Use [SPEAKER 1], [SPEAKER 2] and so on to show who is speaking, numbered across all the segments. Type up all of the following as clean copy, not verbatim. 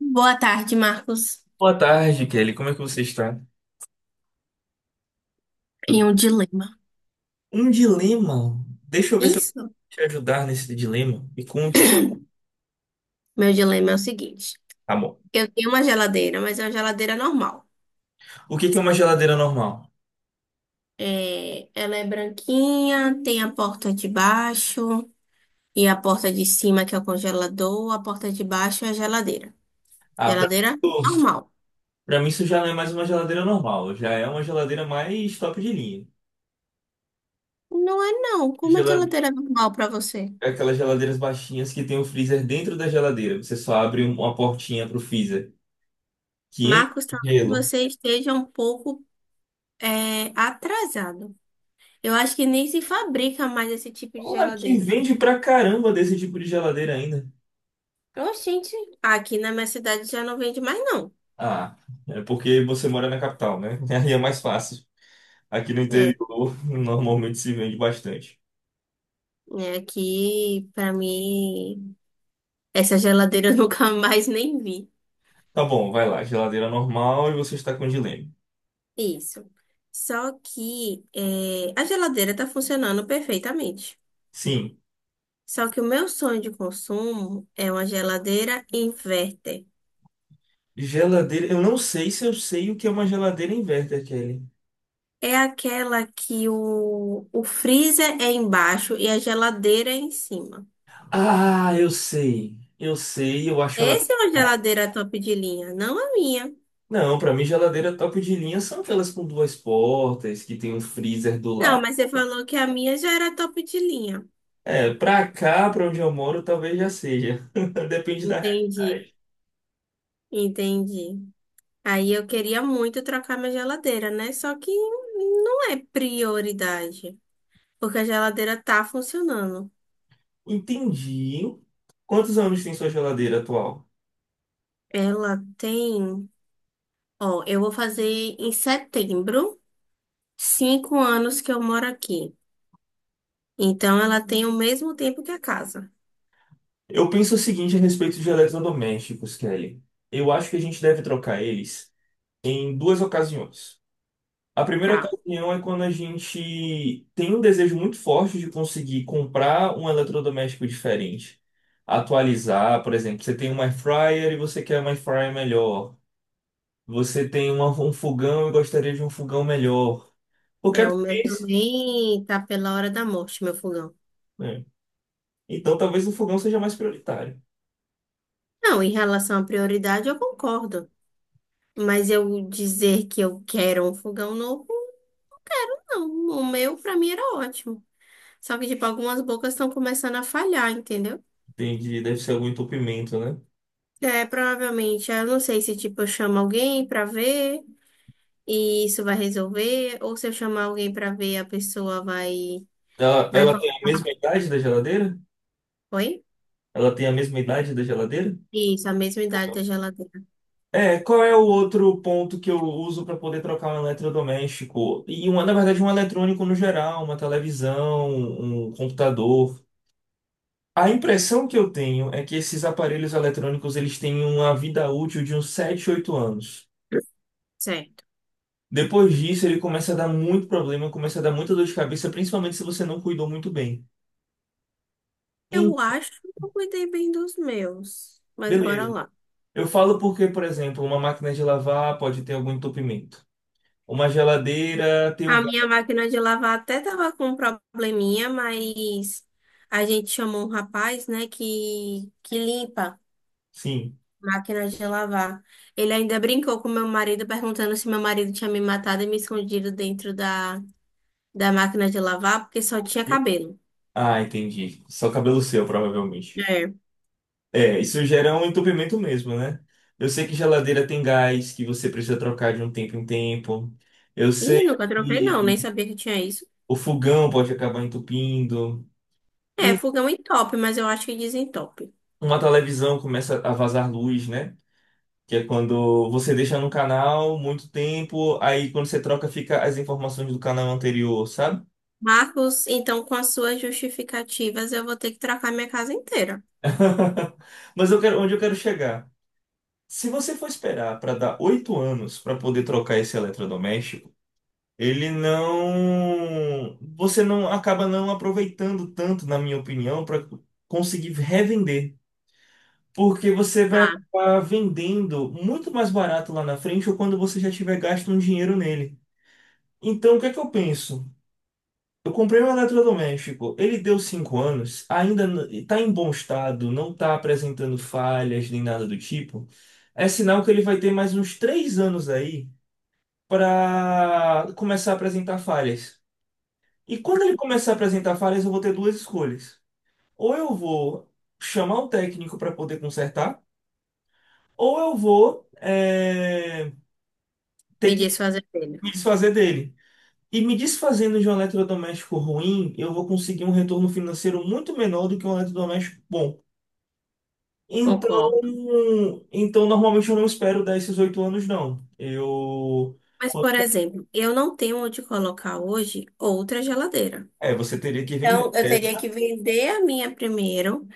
[SPEAKER 1] Boa tarde, Marcos.
[SPEAKER 2] Boa tarde, Kelly. Como é que você está?
[SPEAKER 1] Em
[SPEAKER 2] Tudo-
[SPEAKER 1] um dilema.
[SPEAKER 2] Um dilema. Deixa eu ver se eu posso
[SPEAKER 1] Isso.
[SPEAKER 2] te ajudar nesse dilema. Me conte.
[SPEAKER 1] Meu dilema é o seguinte:
[SPEAKER 2] Tá bom.
[SPEAKER 1] eu tenho uma geladeira, mas é uma geladeira normal.
[SPEAKER 2] O que que é uma geladeira normal?
[SPEAKER 1] É, ela é branquinha, tem a porta de baixo e a porta de cima, que é o congelador, a porta de baixo é a geladeira.
[SPEAKER 2] Ah,
[SPEAKER 1] Geladeira normal.
[SPEAKER 2] pra mim isso já não é mais uma geladeira normal. Já é uma geladeira mais top de linha.
[SPEAKER 1] Não é, não. Como é
[SPEAKER 2] Gela-
[SPEAKER 1] geladeira normal para você?
[SPEAKER 2] Aquelas geladeiras baixinhas que tem o freezer dentro da geladeira. Você só abre uma portinha pro freezer. Que enche
[SPEAKER 1] Marcos,
[SPEAKER 2] de
[SPEAKER 1] talvez
[SPEAKER 2] gelo.
[SPEAKER 1] você esteja um pouco atrasado. Eu acho que nem se fabrica mais esse tipo de
[SPEAKER 2] Olha, que
[SPEAKER 1] geladeira.
[SPEAKER 2] vende pra caramba desse tipo de geladeira ainda.
[SPEAKER 1] Oxente, aqui na minha cidade já não vende mais, não.
[SPEAKER 2] Ah, é porque você mora na capital, né? Aí é mais fácil. Aqui no
[SPEAKER 1] É,
[SPEAKER 2] interior normalmente se vende bastante.
[SPEAKER 1] é aqui, pra mim, essa geladeira eu nunca mais nem vi.
[SPEAKER 2] Tá bom, vai lá. Geladeira normal e você está com dilema.
[SPEAKER 1] Isso. Só que é, a geladeira tá funcionando perfeitamente.
[SPEAKER 2] Sim.
[SPEAKER 1] Só que o meu sonho de consumo é uma geladeira inverter.
[SPEAKER 2] Geladeira. Eu não sei se eu sei o que é uma geladeira inverter, Kelly.
[SPEAKER 1] É aquela que o freezer é embaixo e a geladeira é em cima.
[SPEAKER 2] Ah, eu sei. Eu sei, eu acho ela.
[SPEAKER 1] Essa é uma geladeira top de linha, não a minha.
[SPEAKER 2] Não, pra mim geladeira top de linha são aquelas com duas portas, que tem um freezer do
[SPEAKER 1] Não,
[SPEAKER 2] lado.
[SPEAKER 1] mas você falou que a minha já era top de linha.
[SPEAKER 2] É, pra cá, pra onde eu moro, talvez já seja. Depende da
[SPEAKER 1] Entendi,
[SPEAKER 2] realidade.
[SPEAKER 1] entendi. Aí eu queria muito trocar minha geladeira, né? Só que não é prioridade, porque a geladeira tá funcionando.
[SPEAKER 2] Entendi. Quantos anos tem sua geladeira atual?
[SPEAKER 1] Ela tem, ó, eu vou fazer em setembro, cinco anos que eu moro aqui. Então ela tem o mesmo tempo que a casa.
[SPEAKER 2] Eu penso o seguinte a respeito de eletrodomésticos, Kelly. Eu acho que a gente deve trocar eles em duas ocasiões. A primeira
[SPEAKER 1] Tá.
[SPEAKER 2] ocasião é quando a gente tem um desejo muito forte de conseguir comprar um eletrodoméstico diferente, atualizar, por exemplo, você tem um air fryer e você quer um air fryer melhor. Um fogão e gostaria de um fogão melhor. Porque é
[SPEAKER 1] É, o meu
[SPEAKER 2] difícil,
[SPEAKER 1] também tá pela hora da morte, meu fogão.
[SPEAKER 2] né? Então talvez o fogão seja mais prioritário.
[SPEAKER 1] Não, em relação à prioridade, eu concordo. Mas eu dizer que eu quero um fogão novo. Não, o meu pra mim era ótimo. Só que, tipo, algumas bocas estão começando a falhar, entendeu?
[SPEAKER 2] Entendi, deve ser algum entupimento, né?
[SPEAKER 1] É, provavelmente, eu não sei se, tipo, eu chamo alguém pra ver e isso vai resolver, ou se eu chamar alguém pra ver, a pessoa vai,
[SPEAKER 2] Ela,
[SPEAKER 1] vai...
[SPEAKER 2] ela
[SPEAKER 1] co-
[SPEAKER 2] tem a mesma idade da geladeira?
[SPEAKER 1] Oi?
[SPEAKER 2] Ela tem a mesma idade da geladeira?
[SPEAKER 1] Isso, a mesma idade da geladeira.
[SPEAKER 2] É, qual é o outro ponto que eu uso para poder trocar um eletrodoméstico? E uma, na verdade, um eletrônico no geral, uma televisão, um computador. A impressão que eu tenho é que esses aparelhos eletrônicos eles têm uma vida útil de uns 7 8 anos.
[SPEAKER 1] Certo.
[SPEAKER 2] Depois disso, ele começa a dar muito problema, começa a dar muita dor de cabeça, principalmente se você não cuidou muito bem.
[SPEAKER 1] Eu
[SPEAKER 2] Então,
[SPEAKER 1] acho que eu cuidei bem dos meus, mas bora
[SPEAKER 2] beleza.
[SPEAKER 1] lá.
[SPEAKER 2] Eu falo porque, por exemplo, uma máquina de lavar pode ter algum entupimento. Uma geladeira tem o
[SPEAKER 1] A minha máquina de lavar até tava com um probleminha, mas a gente chamou um rapaz, né, que limpa.
[SPEAKER 2] sim.
[SPEAKER 1] Máquina de lavar. Ele ainda brincou com meu marido, perguntando se meu marido tinha me matado e me escondido dentro da máquina de lavar, porque só tinha
[SPEAKER 2] E-
[SPEAKER 1] cabelo.
[SPEAKER 2] Ah, entendi. Só cabelo seu, provavelmente.
[SPEAKER 1] É.
[SPEAKER 2] É, isso gera um entupimento mesmo, né? Eu sei que geladeira tem gás, que você precisa trocar de um tempo em tempo. Eu
[SPEAKER 1] Ih,
[SPEAKER 2] sei
[SPEAKER 1] nunca troquei, não, nem
[SPEAKER 2] que
[SPEAKER 1] sabia que tinha isso.
[SPEAKER 2] o fogão pode acabar entupindo.
[SPEAKER 1] É,
[SPEAKER 2] E
[SPEAKER 1] fogão entope, mas eu acho que desentope.
[SPEAKER 2] uma televisão começa a vazar luz, né? Que é quando você deixa num canal muito tempo, aí quando você troca fica as informações do canal anterior, sabe?
[SPEAKER 1] Marcos, então com as suas justificativas, eu vou ter que trocar minha casa inteira.
[SPEAKER 2] Mas eu quero, onde eu quero chegar? Se você for esperar para dar 8 anos para poder trocar esse eletrodoméstico, ele não. Você não acaba não aproveitando tanto, na minha opinião, para conseguir revender. Porque você vai
[SPEAKER 1] Tá,
[SPEAKER 2] acabar vendendo muito mais barato lá na frente ou quando você já tiver gasto um dinheiro nele. Então, o que é que eu penso? Eu comprei um eletrodoméstico, ele deu 5 anos, ainda está em bom estado, não está apresentando falhas nem nada do tipo. É sinal que ele vai ter mais uns 3 anos aí para começar a apresentar falhas. E quando ele começar a apresentar falhas, eu vou ter duas escolhas. Ou eu vou chamar o técnico para poder consertar, ou eu vou ter
[SPEAKER 1] me diz
[SPEAKER 2] que
[SPEAKER 1] fazer telha.
[SPEAKER 2] me desfazer dele. E me desfazendo de um eletrodoméstico ruim, eu vou conseguir um retorno financeiro muito menor do que um eletrodoméstico bom. Então,
[SPEAKER 1] Concordo.
[SPEAKER 2] normalmente eu não espero dar esses 8 anos, não. Eu.
[SPEAKER 1] Mas, por exemplo, eu não tenho onde colocar hoje outra geladeira.
[SPEAKER 2] É, você teria que vender
[SPEAKER 1] Então, eu teria que
[SPEAKER 2] essa.
[SPEAKER 1] vender a minha primeiro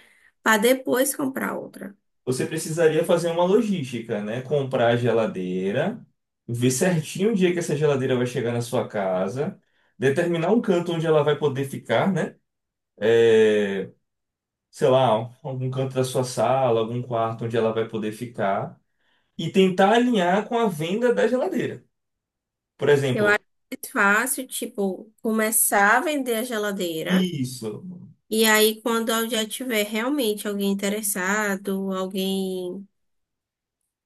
[SPEAKER 1] para depois comprar outra.
[SPEAKER 2] Você precisaria fazer uma logística, né? Comprar a geladeira, ver certinho o dia que essa geladeira vai chegar na sua casa, determinar um canto onde ela vai poder ficar, né? É, sei lá, algum canto da sua sala, algum quarto onde ela vai poder ficar. E tentar alinhar com a venda da geladeira. Por
[SPEAKER 1] Eu
[SPEAKER 2] exemplo,
[SPEAKER 1] acho mais fácil, tipo, começar a vender a geladeira
[SPEAKER 2] isso,
[SPEAKER 1] e aí quando eu já tiver realmente alguém interessado, alguém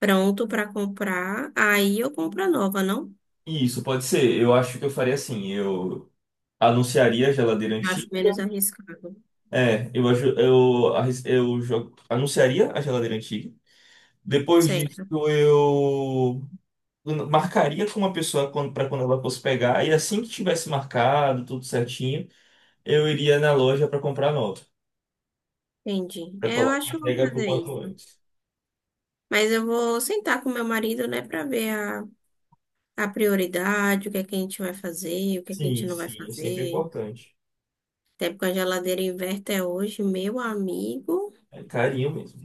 [SPEAKER 1] pronto para comprar, aí eu compro a nova, não?
[SPEAKER 2] isso pode ser. Eu acho que eu faria assim, eu anunciaria a geladeira
[SPEAKER 1] Acho
[SPEAKER 2] antiga.
[SPEAKER 1] menos arriscado.
[SPEAKER 2] É, eu aju- eu arris- eu jogo- anunciaria a geladeira antiga. Depois disso,
[SPEAKER 1] Certo,
[SPEAKER 2] eu marcaria com uma pessoa para quando ela fosse pegar e assim que tivesse marcado tudo certinho, eu iria na loja para comprar nova,
[SPEAKER 1] entendi.
[SPEAKER 2] para
[SPEAKER 1] É, eu
[SPEAKER 2] colocar
[SPEAKER 1] acho
[SPEAKER 2] a
[SPEAKER 1] que eu vou
[SPEAKER 2] entrega para o
[SPEAKER 1] fazer
[SPEAKER 2] quanto
[SPEAKER 1] isso.
[SPEAKER 2] antes.
[SPEAKER 1] Mas eu vou sentar com meu marido, né, para ver a prioridade, o que é que a gente vai fazer, o que é que a gente
[SPEAKER 2] Sim,
[SPEAKER 1] não vai
[SPEAKER 2] sim, é sempre
[SPEAKER 1] fazer.
[SPEAKER 2] importante.
[SPEAKER 1] Até porque a geladeira inverter hoje, meu amigo,
[SPEAKER 2] É carinho mesmo.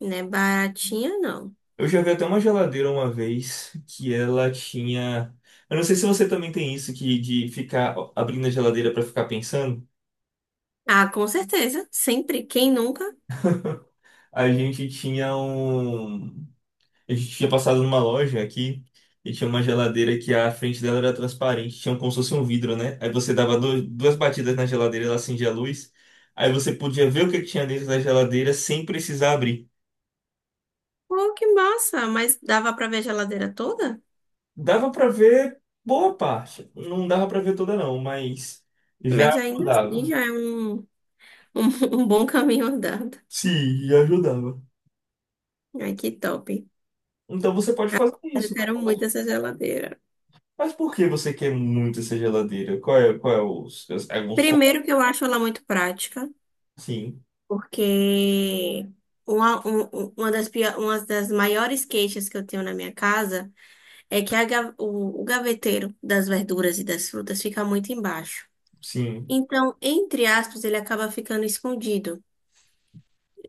[SPEAKER 1] não é baratinha, não.
[SPEAKER 2] Eu já vi até uma geladeira uma vez que ela tinha. Eu não sei se você também tem isso que de ficar abrindo a geladeira para ficar pensando.
[SPEAKER 1] Ah, com certeza. Sempre. Quem nunca?
[SPEAKER 2] A gente tinha um. A gente tinha passado numa loja aqui e tinha uma geladeira que a frente dela era transparente, tinha como se fosse um vidro, né? Aí você dava duas batidas na geladeira, ela acendia a luz. Aí você podia ver o que que tinha dentro da geladeira sem precisar abrir.
[SPEAKER 1] Pô, que massa! Mas dava pra ver a geladeira toda?
[SPEAKER 2] Dava para ver boa parte. Não dava para ver toda, não, mas
[SPEAKER 1] Mas
[SPEAKER 2] já
[SPEAKER 1] ainda assim
[SPEAKER 2] dava.
[SPEAKER 1] já é um bom caminho andado.
[SPEAKER 2] Sim, e ajudava.
[SPEAKER 1] Ai, que top.
[SPEAKER 2] Então você pode fazer
[SPEAKER 1] Eu
[SPEAKER 2] isso.
[SPEAKER 1] quero muito essa geladeira.
[SPEAKER 2] Mas por que você quer muito essa geladeira? Qual é os, algum sonho?
[SPEAKER 1] Primeiro que eu acho ela muito prática,
[SPEAKER 2] Sim,
[SPEAKER 1] porque uma das, pio- uma das maiores queixas que eu tenho na minha casa. É que a ga- o gaveteiro das verduras e das frutas fica muito embaixo.
[SPEAKER 2] sim.
[SPEAKER 1] Então, entre aspas, ele acaba ficando escondido.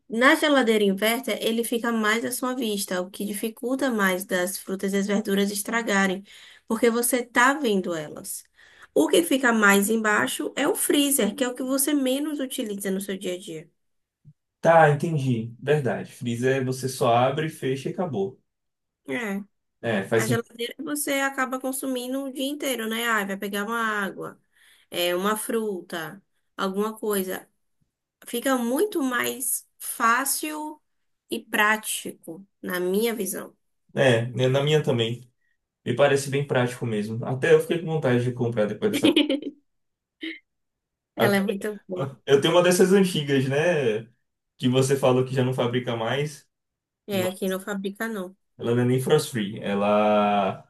[SPEAKER 1] Na geladeira inversa, ele fica mais à sua vista, o que dificulta mais das frutas e as verduras estragarem, porque você tá vendo elas. O que fica mais embaixo é o freezer, que é o que você menos utiliza no seu dia a dia.
[SPEAKER 2] Tá, entendi. Verdade. Freezer é você só abre, fecha e acabou.
[SPEAKER 1] É.
[SPEAKER 2] É, faz
[SPEAKER 1] A
[SPEAKER 2] sentido.
[SPEAKER 1] geladeira você acaba consumindo o dia inteiro, né? Ah, vai pegar uma água, é uma fruta alguma coisa. Fica muito mais fácil e prático, na minha visão.
[SPEAKER 2] É, né, na minha também. Me parece bem prático mesmo. Até eu fiquei com vontade de comprar depois dessa.
[SPEAKER 1] Ela é
[SPEAKER 2] Até...
[SPEAKER 1] muito boa.
[SPEAKER 2] Eu tenho uma dessas antigas, né? Que você falou que já não fabrica mais.
[SPEAKER 1] É,
[SPEAKER 2] Não,
[SPEAKER 1] aqui não fabrica, não.
[SPEAKER 2] ela não é nem frost-free. Ela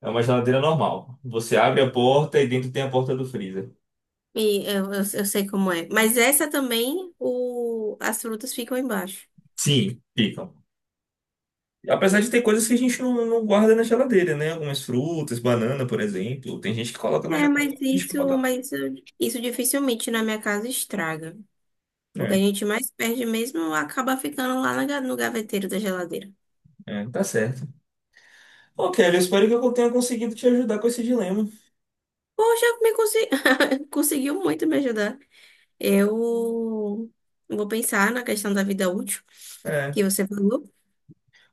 [SPEAKER 2] é uma geladeira normal. Você abre a porta e dentro tem a porta do freezer.
[SPEAKER 1] E eu sei como é. Mas essa também, o, as frutas ficam embaixo.
[SPEAKER 2] Sim, ficam. Apesar de ter coisas que a gente não guarda na geladeira, né? Algumas frutas, banana, por exemplo. Tem gente que coloca na
[SPEAKER 1] É,
[SPEAKER 2] geladeira, a gente não bota
[SPEAKER 1] isso dificilmente na minha casa estraga.
[SPEAKER 2] não.
[SPEAKER 1] O que a
[SPEAKER 2] É,
[SPEAKER 1] gente mais perde mesmo acaba ficando lá na ga- no gaveteiro da geladeira.
[SPEAKER 2] é, tá certo. Ok, eu espero que eu tenha conseguido te ajudar com esse dilema.
[SPEAKER 1] Poxa, me conse- conseguiu muito me ajudar. Eu vou pensar na questão da vida útil
[SPEAKER 2] É,
[SPEAKER 1] que você falou.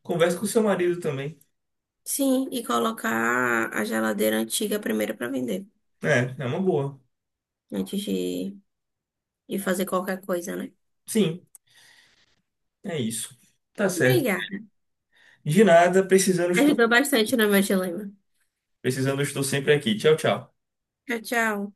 [SPEAKER 2] converse com seu marido também.
[SPEAKER 1] Sim, e colocar a geladeira antiga primeiro para vender,
[SPEAKER 2] É, é uma boa.
[SPEAKER 1] antes de, de fazer qualquer coisa, né?
[SPEAKER 2] Sim, é isso. Tá certo.
[SPEAKER 1] Obrigada.
[SPEAKER 2] De nada,
[SPEAKER 1] Ajudou bastante no meu dilema.
[SPEAKER 2] precisando estou sempre aqui. Tchau, tchau.
[SPEAKER 1] Tchau, tchau.